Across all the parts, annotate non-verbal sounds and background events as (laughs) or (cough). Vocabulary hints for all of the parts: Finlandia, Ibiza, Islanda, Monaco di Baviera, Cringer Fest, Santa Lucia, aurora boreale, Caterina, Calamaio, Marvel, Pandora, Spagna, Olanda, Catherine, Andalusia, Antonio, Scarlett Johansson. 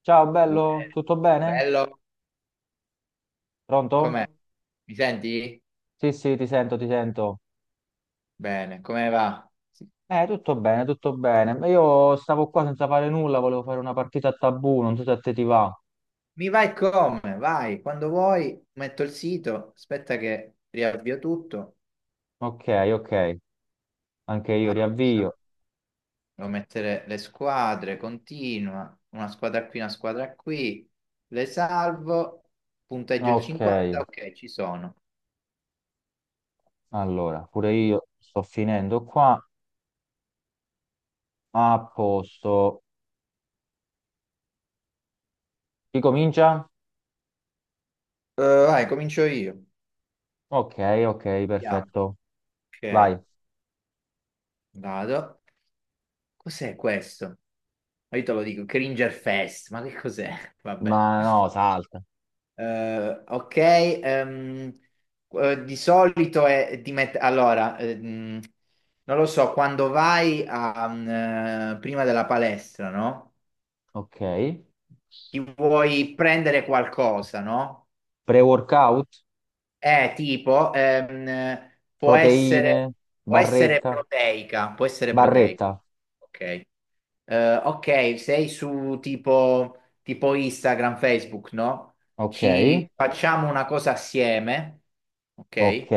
Ciao bello, Uè, tutto bene? bello, Pronto? com'è? Mi senti? Sì, sì, ti sento, ti sento. Bene, come va? Sì. Tutto bene, tutto bene. Ma io stavo qua senza fare nulla, volevo fare una partita a tabù, non so se a te ti va. Mi vai come? Vai, quando vuoi, metto il sito, aspetta che riavvio tutto. Ok, ok, anche io Ah, ciao. riavvio. Devo mettere le squadre, continua, una squadra qui, le salvo, punteggio Ok, 50, ok, ci sono. allora, pure io sto finendo qua. A posto. Chi comincia? Vai, comincio io. Ok, ok, Vediamo. perfetto. Ok, Vai. vado. Cos'è questo? Ma io te lo dico, Cringer Fest, ma che cos'è? (laughs) Ma Vabbè. no, salta. Ok, di solito è di allora, non lo so, quando vai a, prima della palestra, no? Ok. Ti vuoi prendere qualcosa, no? Pre-workout, Tipo, proteine, può essere barretta, proteica, può essere proteica. barretta. Ok. Ok, sei su tipo, tipo Instagram, Facebook, no? Ok. Ci facciamo una cosa assieme, Ok, ok?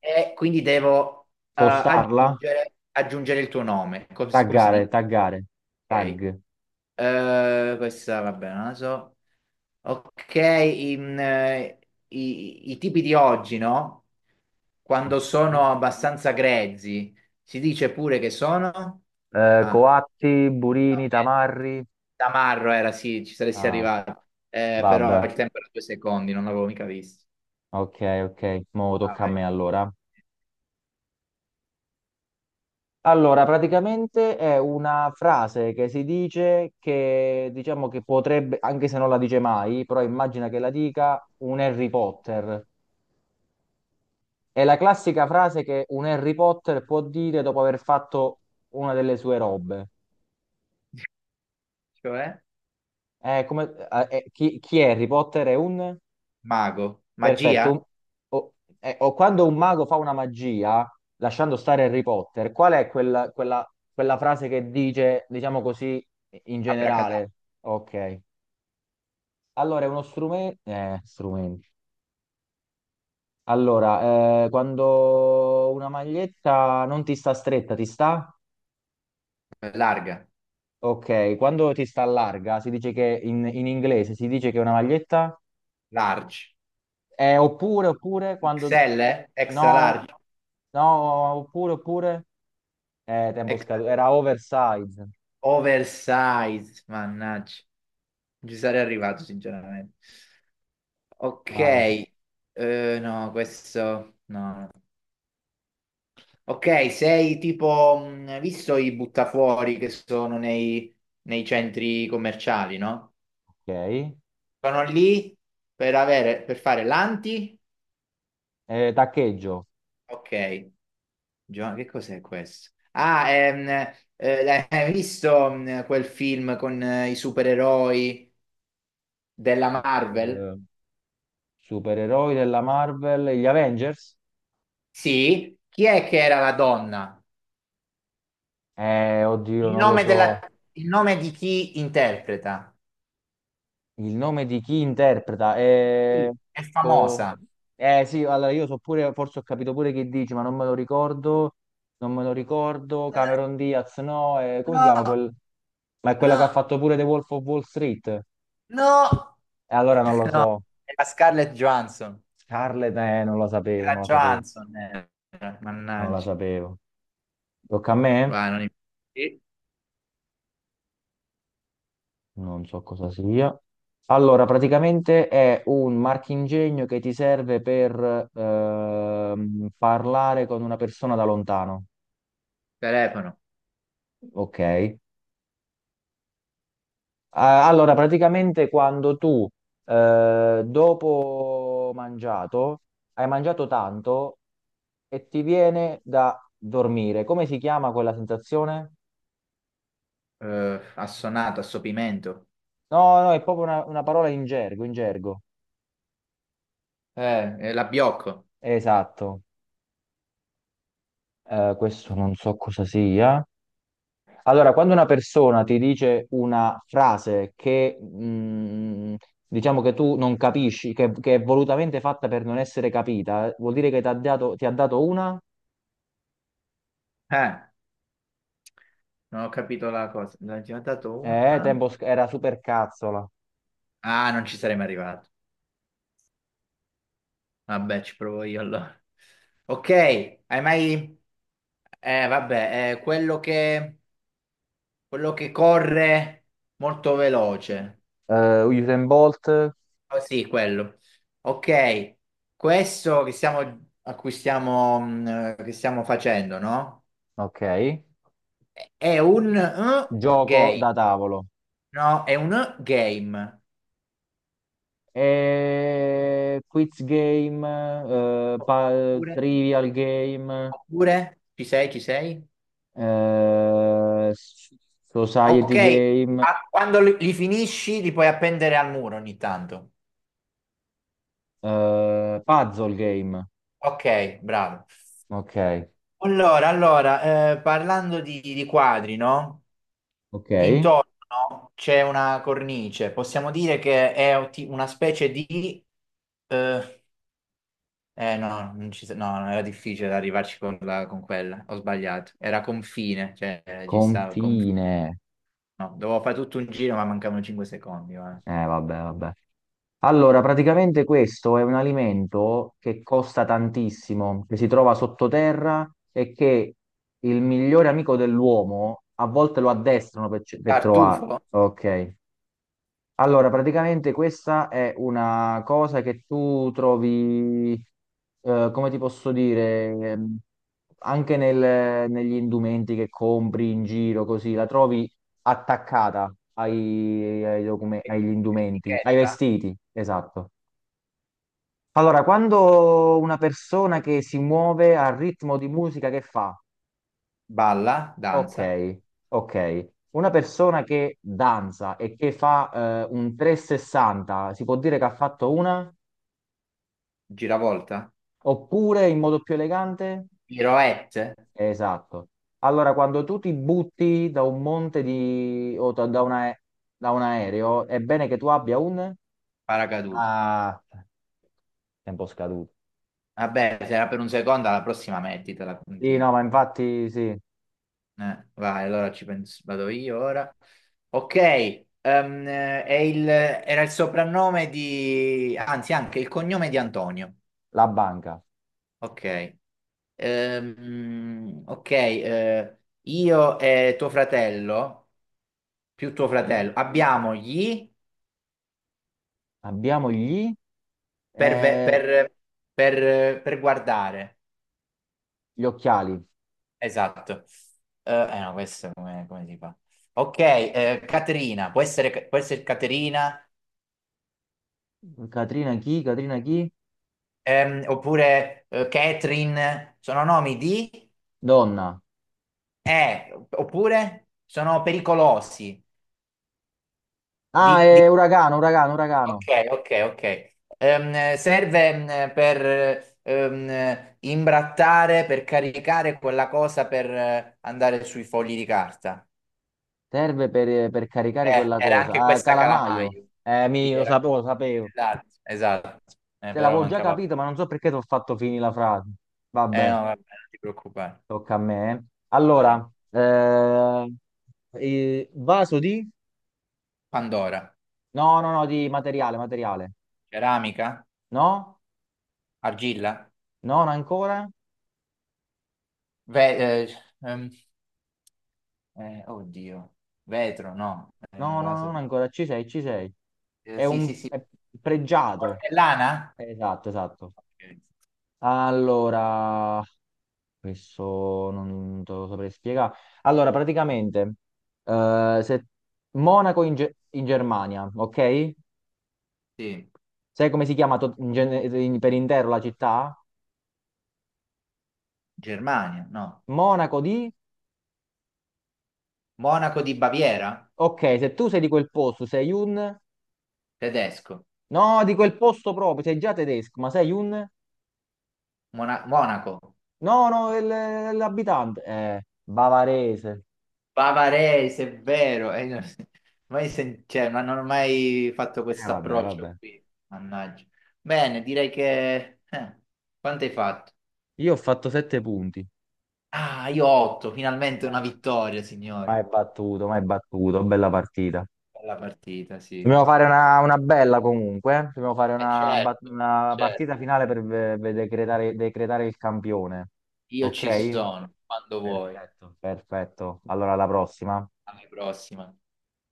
E quindi devo postarla, aggiungere il tuo nome, come, si come si taggare, dice? taggare, Ok. tag. Questa, vabbè, non la so. Ok, in, i tipi di oggi, no? Ok. Quando sono abbastanza grezzi, si dice pure che sono... Ah, Coatti, no, burini, niente. tamarri. Tamarro era, sì, ci saresti Ah, arrivato. Però vabbè, il tempo era 2 secondi, non l'avevo mica visto. ok, ok, mo tocca a Vai. me allora. Allora, praticamente è una frase che si dice che, diciamo che potrebbe, anche se non la dice mai, però immagina che la dica un Harry Potter. È la classica frase che un Harry Potter può dire dopo aver fatto una delle sue robe. Cioè, Chi, chi è Harry Potter? È un... mago, Perfetto. magia, O, o quando un mago fa una magia, lasciando stare Harry Potter, qual è quella, quella, quella frase che dice, diciamo così, in abracadabra, generale? Ok. Allora, è uno strumento... strumento. Allora, quando una maglietta non ti sta stretta, ti sta? larga, Ok. Quando ti sta larga, si dice che in inglese si dice che è una maglietta... large, Oppure, oppure, quando... XL, extra No, large, no, oppure, oppure... tempo XL. scaduto. Era oversize. Oversize, mannaggia. Non ci sarei arrivato, sinceramente. Ok, Vai. No, questo no. Ok, sei tipo, visto i buttafuori che sono nei centri commerciali, no? Ok. Sono lì per avere, per fare l'anti. Taccheggio. Ok, che cos'è questo? Ah, hai visto quel film con i supereroi della Marvel? Eh, Supereroi della Marvel. Gli Avengers? Sì, chi è che era la donna? Oddio, Il non lo nome della- so. il nome di chi interpreta? Il nome di chi interpreta? Sì, è Boh. famosa. Sì, allora io so pure, forse ho capito pure chi dici, ma non me lo ricordo. Non me lo ricordo. Cameron Diaz, no. Come si No, chiama quel... Ma è quella che ha no, fatto pure The Wolf of Wall Street. E no, allora non lo no, so. è la Scarlett Johansson. Scarlett, non la È sapevo, la non la sapevo, Johansson, eh. non la Mannaggia. sapevo. Tocca a me? Va, non im- Sì. Non so cosa sia. Allora, praticamente è un marchingegno che ti serve per parlare con una persona da lontano. Telefono. Ok, allora praticamente quando tu dopo mangiato hai mangiato tanto e ti viene da dormire, come si chiama quella sensazione? Assonato, assopimento. No, no, è proprio una parola in gergo, in gergo. È la Biocco. Esatto, questo non so cosa sia. Allora, quando una persona ti dice una frase che diciamo che tu non capisci, che è volutamente fatta per non essere capita, vuol dire che ti ha dato una... Eh, non ho capito la cosa. Ne ho già dato una. tempo sc- era super cazzola. Ah, non ci sarei mai arrivato. Vabbè, ci provo io allora. Ok, hai mai... vabbè, quello quello che corre molto veloce. Usain Bolt, Oh, sì, quello. Ok, questo che a cui che stiamo facendo, no? ok. È un Gioco game. da tavolo. No, è un game. Quiz game, Oppure... trivial game, Oppure... Ci sei, ci sei? eh, s- Ok, society game, quando li finisci li puoi appendere al muro ogni tanto. Puzzle game. Ok, bravo. Ok, Allora, parlando di quadri, no? ok. Intorno c'è una cornice, possiamo dire che è una specie di... Eh, no, non ci sa- no, no, era difficile arrivarci con, con quella, ho sbagliato. Era confine, cioè ci stava, Confine. no, dovevo fare tutto un giro ma mancavano 5 secondi. Guarda. Vabbè, vabbè. Allora, praticamente questo è un alimento che costa tantissimo, che si trova sottoterra e che il migliore amico dell'uomo a volte lo addestrano per, ce- per Tartufo, trovare. Ok. Allora, praticamente questa è una cosa che tu trovi, come ti posso dire, ehm, anche nel- negli indumenti che compri in giro, così, la trovi attaccata ai- ai docume- E- agli indumenti, ai etichetta, vestiti, esatto. Allora, quando una persona che si muove al ritmo di musica che fa? balla, danza, Ok, ok. Una persona che danza e che fa un 360, si può dire che ha fatto una? giravolta, Oppure in modo più elegante? piroette, Esatto. Allora, quando tu ti butti da un monte di... o da da una- da un aereo, è bene che tu abbia un... paracadute. Ah, tempo scaduto. Vabbè, se era per un secondo, alla prossima mettitela, Sì, quindi. no, ma infatti sì, Vai, allora ci penso, vado io ora. Ok, è era il soprannome di, anzi anche il cognome di Antonio. la banca. Ok, ok, io e tuo fratello, più tuo Ok. fratello, abbiamo gli Abbiamo gli, per, eh, per, per guardare. gli occhiali. Esatto. No, questo come, come si fa? Ok, Caterina, può essere Caterina, Catrina chi? Catrina chi? Oppure Catherine, sono nomi di Donna. Oppure sono pericolosi. Ah, Di, di- è uragano, uragano, uragano. Ok, ok, ok. Serve per imbrattare, per caricare quella cosa per andare sui fogli di carta. Serve per caricare quella Era cosa. anche Ah, questa calamaio. Calamaio. Sì, Lo era- sapevo, lo sapevo. Esatto, esatto. Cioè, Però l'avevo già mancava. capito, ma non so perché ti ho fatto finire la frase. Eh no, Vabbè, vabbè, non ti preoccupare. tocca a me. Vai. Allora, vaso di? Pandora, No, no, no, di materiale, materiale. ceramica, No? argilla, No, non ancora? Ve- eh, ehm, oddio, vetro, no, No, no, vaso non di... ancora. Ci sei, ci sei. Eh, È sì, sì, un sì, è pregiato. portellana? Esatto, esatto. Ok. Allora, questo non te lo saprei spiegare. Allora, praticamente, se Monaco in, Ge- in Germania, ok? Sì, Sai come si chiama to- in gene- in- per intero la città? Germania, no. Monaco di... Monaco di Baviera, Ok, se tu sei di quel posto, sei un... tedesco. No, di quel posto proprio, sei già tedesco, ma sei un... Monaco. No, no, il- l'abitante. Bavarese. Bavarese, è vero, (laughs) mai sen- cioè, ma non ho mai fatto questo Vabbè, vabbè. approccio qui, mannaggia. Bene, direi che... quanto hai fatto? Io ho fatto 7 punti. Ah, io 8, Eh, finalmente una vittoria, signori. Ma è battuto, ma è battuto, bella partita. Bella partita, sì. Dobbiamo fare una bella comunque, eh. Dobbiamo fare Eh una, bat- certo, una certo. partita finale per ve- ve- decretare, decretare il campione. Io ci Ok? sono, quando vuoi. Perfetto. Perfetto. Allora, alla prossima. Alla prossima.